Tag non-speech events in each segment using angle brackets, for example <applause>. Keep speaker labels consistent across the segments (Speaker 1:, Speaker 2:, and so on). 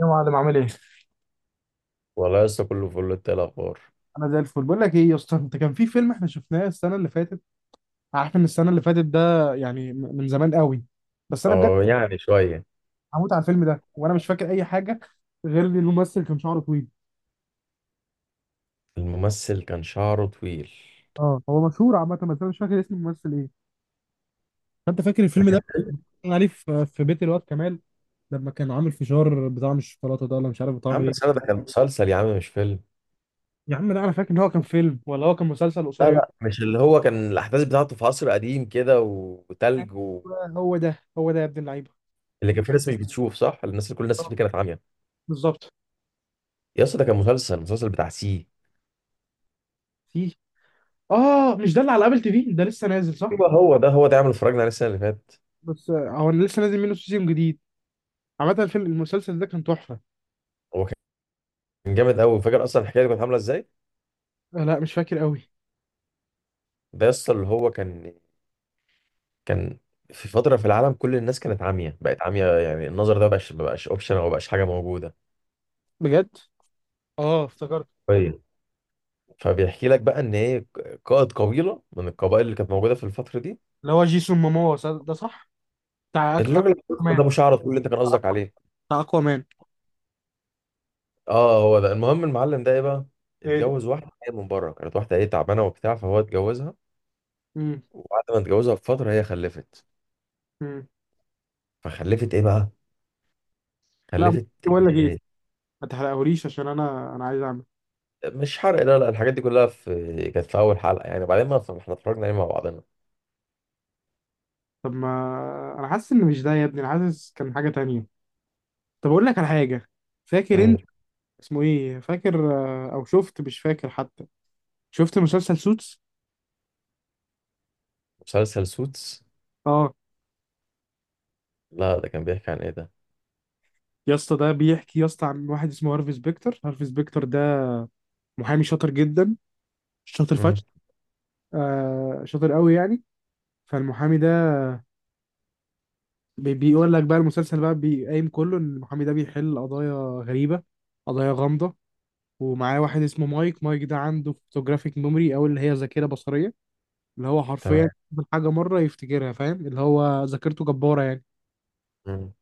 Speaker 1: يا معلم عامل ايه؟
Speaker 2: والله لسه كله فل، انت إيه الاخبار؟
Speaker 1: انا زي الفل، بقول لك ايه يا اسطى، انت كان في فيلم احنا شفناه السنه اللي فاتت. عارف ان السنه اللي فاتت ده يعني من زمان قوي. بس انا بجد
Speaker 2: اه يعني شوية.
Speaker 1: هموت على الفيلم ده وانا مش فاكر اي حاجه غير ان الممثل كان شعره طويل.
Speaker 2: الممثل كان شعره طويل.
Speaker 1: اه هو مشهور عامه، بس انا مش فاكر اسم الممثل ايه. فانت فاكر
Speaker 2: ده
Speaker 1: الفيلم
Speaker 2: كان.
Speaker 1: ده؟ كان عليه في بيت الواد كمال لما كان عامل فشار بطعم الشوكولاته ده، ولا مش عارف
Speaker 2: يا
Speaker 1: بطعم
Speaker 2: عم بس
Speaker 1: ايه.
Speaker 2: انا ده كان مسلسل يا عم، مش فيلم.
Speaker 1: يا عم لا، انا فاكر ان هو كان فيلم، ولا هو كان مسلسل
Speaker 2: لا
Speaker 1: قصير.
Speaker 2: لا، مش اللي هو كان الأحداث بتاعته في عصر قديم كده وتلج.
Speaker 1: أيوة، هو ده هو ده يا ابن اللعيبه.
Speaker 2: اللي كان فيه ناس مش بتشوف صح. الناس كل الناس اللي
Speaker 1: آه،
Speaker 2: فيه كانت عاميه.
Speaker 1: بالظبط.
Speaker 2: يا اسطى ده كان مسلسل بتاع سي.
Speaker 1: في. اه، مش ده اللي على ابل تي في ده لسه نازل صح؟
Speaker 2: يبقى هو ده هو ده عمل اتفرجنا عليه السنة اللي فاتت.
Speaker 1: بس هو انا لسه نازل منه سيزون جديد. عامة الفيلم المسلسل ده كان تحفة.
Speaker 2: هو كان جامد قوي. فاكر اصلا الحكايه دي كانت عامله ازاي؟
Speaker 1: آه، لا مش فاكر قوي.
Speaker 2: ده يا اسطى اللي هو كان في فتره في العالم كل الناس كانت عاميه، بقت عاميه، يعني النظر ده مبقاش اوبشن او مبقاش حاجه موجوده.
Speaker 1: بجد؟ اه افتكرت.
Speaker 2: طيب. فبيحكي لك بقى ان هي قائد قبيله من القبائل اللي كانت موجوده في الفتره دي.
Speaker 1: اللي هو جيسون موموا ده صح؟ بتاع أك-
Speaker 2: الراجل الأسود ده
Speaker 1: اكوامان.
Speaker 2: ابو شعر طويل اللي انت كان قصدك عليه.
Speaker 1: بتاع اكوامان.
Speaker 2: اه هو ده. المهم المعلم ده ايه بقى؟
Speaker 1: ايه.
Speaker 2: اتجوز واحده جايه من بره، كانت واحده ايه تعبانه وبتاع، فهو اتجوزها.
Speaker 1: امم.
Speaker 2: وبعد ما اتجوزها بفتره هي خلفت.
Speaker 1: امم.
Speaker 2: فخلفت ايه بقى؟
Speaker 1: لا،
Speaker 2: خلفت.
Speaker 1: بقول لك ايه، ما تحرقهوليش، عشان انا عايز اعمل.
Speaker 2: آه، مش حرق، لا لا، الحاجات دي كلها كانت في اول حلقه، يعني بعدين ما احنا اتفرجنا عليه مع بعضنا.
Speaker 1: طب ما انا حاسس ان مش ده يا ابني، انا حاسس كان حاجة تانية. طب اقول لك على حاجة، فاكر
Speaker 2: مم.
Speaker 1: انت اسمه ايه؟ فاكر؟ آه، او شفت؟ مش فاكر حتى. شفت مسلسل سوتس؟
Speaker 2: مسلسل سوتس.
Speaker 1: اه.
Speaker 2: لا ده كان بيحكي عن ايه ده؟
Speaker 1: يا اسطى ده بيحكي يا اسطى عن واحد اسمه هارفي سبيكتر. هارفي سبيكتر ده محامي شاطر جدا، شاطر
Speaker 2: مم.
Speaker 1: فشخ. آه، شاطر قوي يعني. فالمحامي ده بيقول لك بقى المسلسل بقى بيقايم كله ان المحامي ده بيحل قضايا غريبة، قضايا غامضة. ومعاه واحد اسمه مايك. مايك ده عنده فوتوجرافيك ميموري، او اللي هي ذاكرة بصرية، اللي هو حرفيا
Speaker 2: تمام.
Speaker 1: يشوف الحاجة مرة يفتكرها، فاهم؟ اللي هو ذاكرته جبارة يعني.
Speaker 2: مم.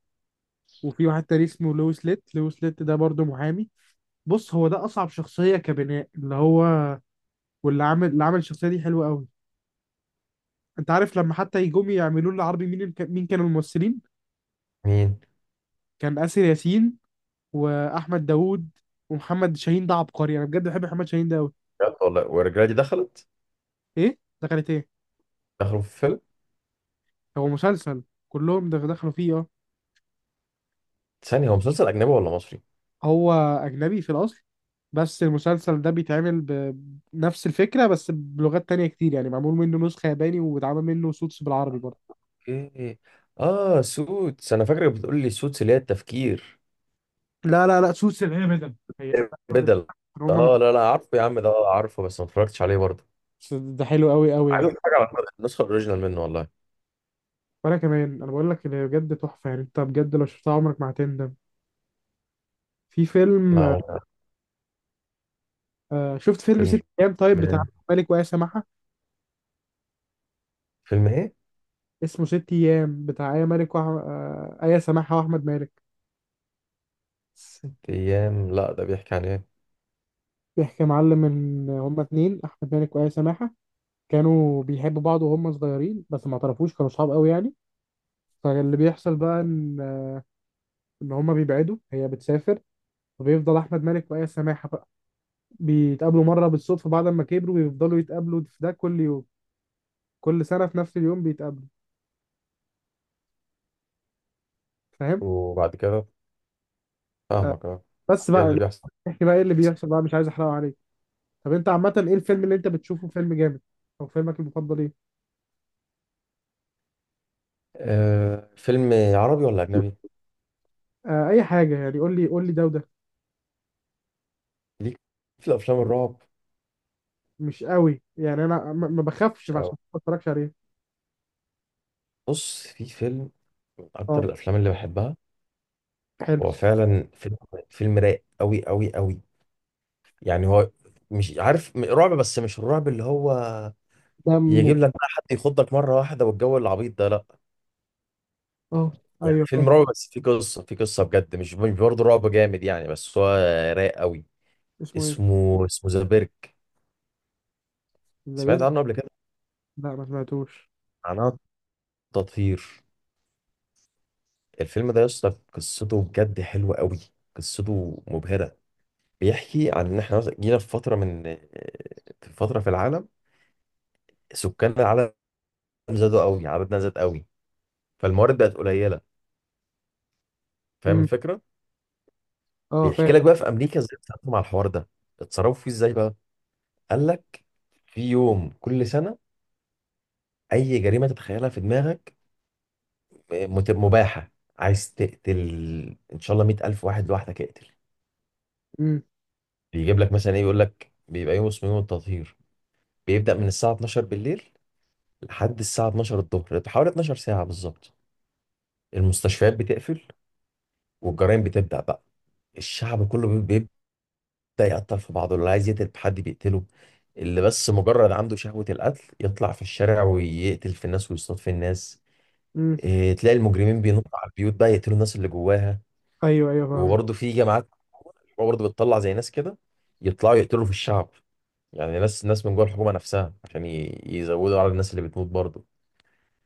Speaker 1: وفي واحد تاني اسمه لويس ليت. لويس ليت ده برضه محامي. بص، هو ده اصعب شخصية كبناء، اللي هو، واللي عامل، اللي عامل الشخصية دي حلوة قوي. انت عارف لما حتى يجوم يعملوا له عربي، مين مين كانوا الممثلين؟
Speaker 2: مين؟
Speaker 1: كان آسر ياسين واحمد داوود ومحمد شاهين. ده عبقري، انا بجد بحب محمد شاهين ده قوي.
Speaker 2: بجد والله. والرجاله دي دخلت
Speaker 1: ايه دخلت ايه؟
Speaker 2: اخر فيلم.
Speaker 1: هو مسلسل. كلهم دخلوا فيه، اه.
Speaker 2: ثانيه، هو مسلسل اجنبي ولا مصري؟
Speaker 1: هو اجنبي في الاصل، بس المسلسل ده بيتعمل بنفس الفكره، بس بلغات تانية كتير، يعني معمول منه نسخه ياباني، واتعمل منه سوتس بالعربي برضه.
Speaker 2: اوكي. اه سوتس، انا فاكرك بتقول لي سوتس اللي هي التفكير.
Speaker 1: لا سوتس اللي هي بدل هي. بدل.
Speaker 2: بدل.
Speaker 1: هم م-
Speaker 2: اه لا لا، عارفه يا عم ده، آه، عارفه بس ما اتفرجتش عليه برضه.
Speaker 1: بس ده حلو قوي قوي
Speaker 2: عايز
Speaker 1: يعني.
Speaker 2: اتفرج على النسخه الاوريجينال منه والله.
Speaker 1: وانا كمان، انا بقول لك اللي بجد تحفه يعني، انت بجد لو شفتها عمرك ما هتندم. في
Speaker 2: لا
Speaker 1: فيلم،
Speaker 2: هو
Speaker 1: آه شفت فيلم ست
Speaker 2: فيلم.
Speaker 1: ايام؟ طيب، بتاع مالك وآية سماحة.
Speaker 2: فيلم ايه؟
Speaker 1: اسمه ست ايام، بتاع آية مالك وأح... آه آية سماحة وأحمد مالك.
Speaker 2: ست ايام، لا ده بيحكي عن ايه؟
Speaker 1: بيحكي يا معلم إن هما اتنين، أحمد مالك وآية سماحة، كانوا بيحبوا بعض وهم صغيرين بس ما اعترفوش، كانوا صحاب قوي يعني. فاللي بيحصل بقى إن هما بيبعدوا، هي بتسافر، وبيفضل أحمد مالك وآية سماحة بقى بيتقابلوا مرة بالصدفة بعد ما كبروا، بيفضلوا يتقابلوا في ده كل يوم، كل سنة في نفس اليوم بيتقابلوا، فاهم؟
Speaker 2: وبعد كده، فاهمك اه.
Speaker 1: بس
Speaker 2: ايه
Speaker 1: بقى،
Speaker 2: اللي بيحصل؟
Speaker 1: احكي بقى ايه اللي بيحصل بقى؟ مش عايز احرقه عليك. طب انت عامة ايه الفيلم اللي انت بتشوفه فيلم جامد، او فيلمك المفضل ايه؟
Speaker 2: آه، فيلم عربي ولا اجنبي؟
Speaker 1: آه اي حاجة يعني، قول لي قول لي ده وده.
Speaker 2: ليك في الافلام الرعب.
Speaker 1: مش قوي يعني، انا ما بخافش،
Speaker 2: مش قوي.
Speaker 1: فعشان كده ما اتفرجش عليه.
Speaker 2: بص في فيلم من اكتر
Speaker 1: اه،
Speaker 2: الافلام اللي بحبها.
Speaker 1: حلو.
Speaker 2: هو فعلا فيلم، فيلم رايق قوي قوي قوي. يعني هو مش عارف، رعب بس مش الرعب اللي هو
Speaker 1: دمه،
Speaker 2: يجيب لك بقى حد يخضك مره واحده والجو العبيط ده، لا.
Speaker 1: اه.
Speaker 2: يعني
Speaker 1: ايوه، آه.
Speaker 2: فيلم رعب بس فيه قصه بجد، مش برضه رعب جامد يعني، بس هو رايق قوي.
Speaker 1: اسمه ايه؟
Speaker 2: اسمه ذا بيرك.
Speaker 1: زبير؟
Speaker 2: سمعت عنه قبل كده؟
Speaker 1: لا ما سمعتوش.
Speaker 2: معناه تطهير. الفيلم ده يا اسطى قصته بجد حلوه قوي. قصته مبهره. بيحكي عن ان احنا مثلا جينا في فتره من، في فتره في العالم سكان العالم زادوا قوي، عددنا زاد قوي، فالموارد بقت قليله. فاهم
Speaker 1: امم.
Speaker 2: الفكره؟
Speaker 1: اه
Speaker 2: بيحكي
Speaker 1: فاهم.
Speaker 2: لك بقى في امريكا ازاي اتصرفوا مع الحوار ده، اتصرفوا فيه ازاي بقى. قال لك في يوم كل سنه اي جريمه تتخيلها في دماغك، مباحه. عايز تقتل، ان شاء الله 100,000 واحد لوحدك، اقتل.
Speaker 1: امم.
Speaker 2: بيجيب لك مثلا ايه، يقول لك بيبقى يوم اسمه يوم التطهير، بيبدأ من الساعه 12 بالليل لحد الساعه 12 الظهر، حوالي 12 ساعه بالظبط. المستشفيات بتقفل والجرائم بتبدأ بقى. الشعب كله بيبدأ، ده يقتل في بعضه، اللي عايز يقتل حد بيقتله، اللي بس مجرد عنده شهوة القتل يطلع في الشارع ويقتل في الناس ويصطاد في الناس.
Speaker 1: امم.
Speaker 2: إيه، تلاقي المجرمين بينطوا على البيوت بقى يقتلوا الناس اللي جواها.
Speaker 1: ايوه ايوه فاهمك.
Speaker 2: وبرضه في جماعات برضه بتطلع زي ناس كده يطلعوا يقتلوا في الشعب، يعني ناس من جوه الحكومة نفسها عشان يزودوا على الناس اللي بتموت برضه.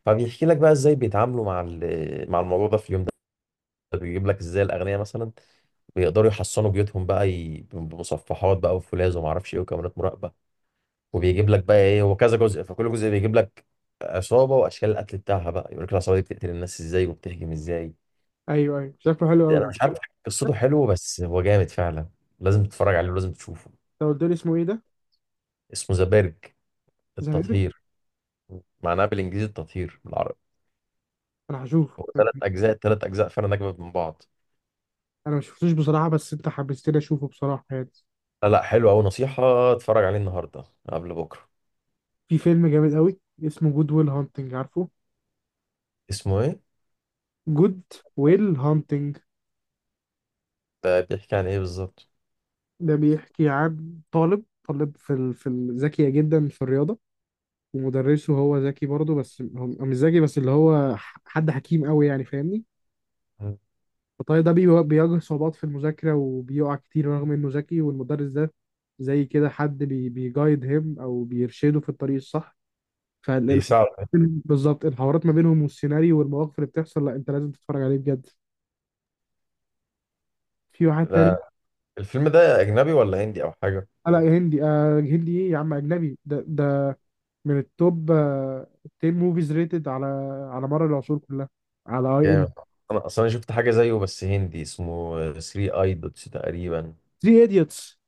Speaker 2: فبيحكي لك بقى ازاي بيتعاملوا مع الموضوع ده في اليوم ده. بيجيب لك ازاي الاغنياء مثلا بيقدروا يحصنوا بيوتهم بقى بمصفحات بقى وفولاذ وما اعرفش ايه وكاميرات مراقبة. وبيجيب لك بقى ايه، هو كذا جزء، فكل جزء بيجيب لك عصابه واشكال القتل بتاعها بقى، يقول لك العصابه دي بتقتل الناس ازاي وبتهجم ازاي.
Speaker 1: ايوه ايوه شكله حلو
Speaker 2: انا
Speaker 1: قوي.
Speaker 2: مش عارف. <laughs> قصته حلوه بس هو جامد فعلا. لازم تتفرج عليه ولازم تشوفه.
Speaker 1: لو قلت لي اسمه ايه ده؟
Speaker 2: اسمه ذا بيرج.
Speaker 1: زبير؟
Speaker 2: التطهير. معناه بالانجليزي التطهير بالعربي.
Speaker 1: انا هشوفه.
Speaker 2: هو ثلاث اجزاء فعلا، اجمد من بعض.
Speaker 1: انا ما شفتوش بصراحة، بس انت حبستني اشوفه بصراحة يعني.
Speaker 2: لا لا، حلو قوي، نصيحه اتفرج عليه النهارده قبل بكره.
Speaker 1: في فيلم جامد قوي اسمه جود ويل هانتنج، عارفه؟
Speaker 2: اسمه ايه
Speaker 1: جود ويل هانتنج
Speaker 2: ده؟ بيحكي عن ايه بالظبط؟
Speaker 1: ده بيحكي عن طالب، طالب ذكية جدا في الرياضة، ومدرسه. هو ذكي برضه، بس هو مش ذكي بس، اللي هو حد حكيم قوي يعني، فاهمني؟ فالطالب ده بيواجه صعوبات في المذاكرة وبيقع كتير رغم انه ذكي، والمدرس ده زي كده حد بيجايد هيم، او بيرشده في الطريق الصح. فالح...
Speaker 2: بيساعد.
Speaker 1: بالظبط، الحوارات ما بينهم والسيناريو والمواقف اللي بتحصل، لا انت لازم تتفرج عليه بجد. في واحد تاني.
Speaker 2: ده الفيلم ده اجنبي ولا هندي او حاجه؟
Speaker 1: آه لا يا هندي، آه هندي ايه يا عم، اجنبي ده ده، من التوب آه، 10 موفيز ريتد على على مر العصور كلها، على اي ام.
Speaker 2: جامد. انا اصلا شفت حاجه زيه بس هندي، اسمه 3 ايدوتس تقريبا.
Speaker 1: 3 ايديوتس،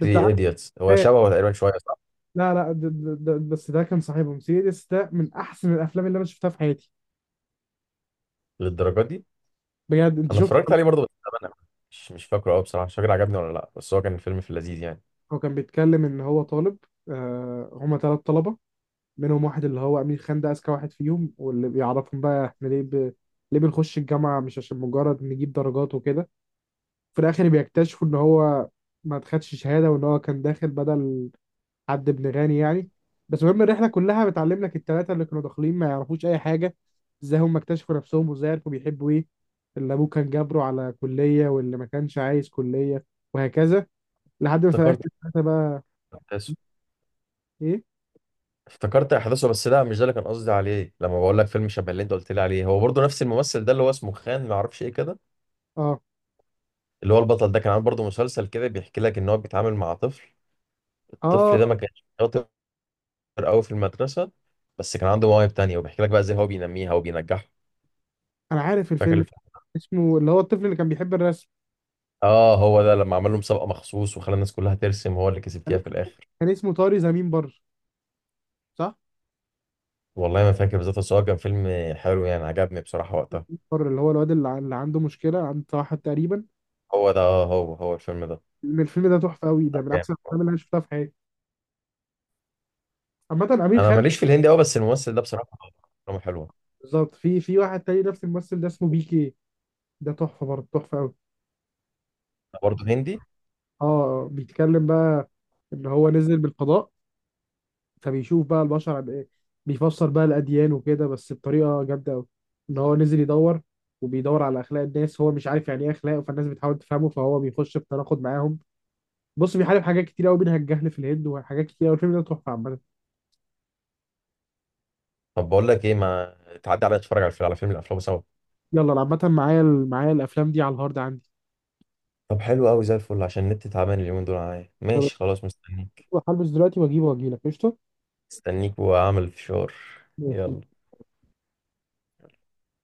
Speaker 1: ده انت عارف.
Speaker 2: ايديتس، هو
Speaker 1: إيه؟
Speaker 2: شبهه تقريبا شويه، صح؟
Speaker 1: لا لا ده بس ده كان صاحبهم. 3 ايديوتس ده من احسن الافلام اللي انا شفتها في حياتي.
Speaker 2: للدرجه دي؟
Speaker 1: بجد، انت
Speaker 2: انا
Speaker 1: شفت؟
Speaker 2: اتفرجت عليه برضه بس زمان أوي. مش فاكره قوي بصراحه، مش فاكر عجبني ولا لا، بس هو كان الفيلم في اللذيذ يعني.
Speaker 1: هو كان بيتكلم ان هو طالب، آه هما ثلاث طلبه، منهم واحد اللي هو امير خان، ده اذكى واحد فيهم، واللي بيعرفهم بقى احنا ليه ليه بنخش الجامعه، مش عشان مجرد نجيب درجات وكده. في الاخر بيكتشفوا ان هو ما خدش شهاده، وان هو كان داخل بدل حد ابن غني يعني. بس المهم الرحله كلها بتعلم لك الثلاثه اللي كانوا داخلين ما يعرفوش اي حاجه، ازاي هم اكتشفوا نفسهم، وازاي عرفوا بيحبوا ايه، اللي ابوه كان جابره على كليه، واللي ما كانش عايز كليه، وهكذا. لحد ما في الاخر
Speaker 2: افتكرت
Speaker 1: الثلاثه بقى،
Speaker 2: احداثه.
Speaker 1: ايه؟
Speaker 2: افتكرت احداثه، بس لا مش ده اللي كان قصدي عليه لما بقول لك فيلم شبه اللي انت قلت لي عليه. هو برضه نفس الممثل ده اللي هو اسمه خان ما اعرفش ايه كده.
Speaker 1: اه.
Speaker 2: اللي هو البطل ده كان عامل برضه مسلسل كده بيحكي لك ان هو بيتعامل مع طفل.
Speaker 1: اه
Speaker 2: الطفل ده ما كانش شاطر قوي في المدرسة، بس كان عنده مواهب تانية وبيحكي لك بقى ازاي هو بينميها وبينجحها.
Speaker 1: انا عارف
Speaker 2: فاكر
Speaker 1: الفيلم.
Speaker 2: الف...
Speaker 1: اسمه، اللي هو الطفل اللي كان بيحب الرسم،
Speaker 2: اه هو ده لما عمل له مسابقة مخصوص وخلى الناس كلها ترسم، هو اللي كسب
Speaker 1: كان
Speaker 2: فيها في
Speaker 1: اسمه،
Speaker 2: الآخر.
Speaker 1: كان اسمه طاري زمين بر، صح؟
Speaker 2: والله ما فاكر بالظبط، بس هو كان فيلم حلو يعني، عجبني بصراحة وقتها.
Speaker 1: بر، اللي هو الواد اللي اللي عنده مشكله، عنده توحد تقريبا.
Speaker 2: هو ده اه هو الفيلم ده.
Speaker 1: الفيلم ده تحفه قوي،
Speaker 2: لا،
Speaker 1: ده من
Speaker 2: جامد.
Speaker 1: احسن الافلام اللي انا شفتها في حياتي. عامه امير
Speaker 2: انا
Speaker 1: خان.
Speaker 2: ماليش في الهندي قوي بس الممثل ده بصراحة افلامه حلوة.
Speaker 1: بالظبط، في واحد تاني نفس الممثل ده اسمه بي كي. ده تحفه برضه، تحفه قوي.
Speaker 2: برضه هندي؟
Speaker 1: اه. آه، بيتكلم بقى ان هو نزل بالفضاء، فبيشوف بقى البشر عن ايه، بيفسر بقى الاديان وكده بس بطريقه جامده قوي. ان هو نزل يدور، وبيدور على اخلاق الناس. هو مش عارف يعني ايه اخلاق، فالناس بتحاول تفهمه، فهو بيخش في تناقض معاهم. بص، بيحارب حاجات كتير قوي منها الجهل في الهند وحاجات كتير قوي. الفيلم ده تحفه عامه.
Speaker 2: طب بقول لك ايه، ما تعدي عليا نتفرج على الفيلم، على فيلم الافلام سوا.
Speaker 1: يلا أنا عامه معايا معايا الافلام دي على الهارد عندي.
Speaker 2: طب حلو قوي زي الفل، عشان النت تعبان اليومين دول معايا،
Speaker 1: طب
Speaker 2: ماشي، خلاص مستنيك.
Speaker 1: هلبس دلوقتي واجيبه واجيلك قشطه.
Speaker 2: مستنيك واعمل فشار.
Speaker 1: ماشي.
Speaker 2: يلا.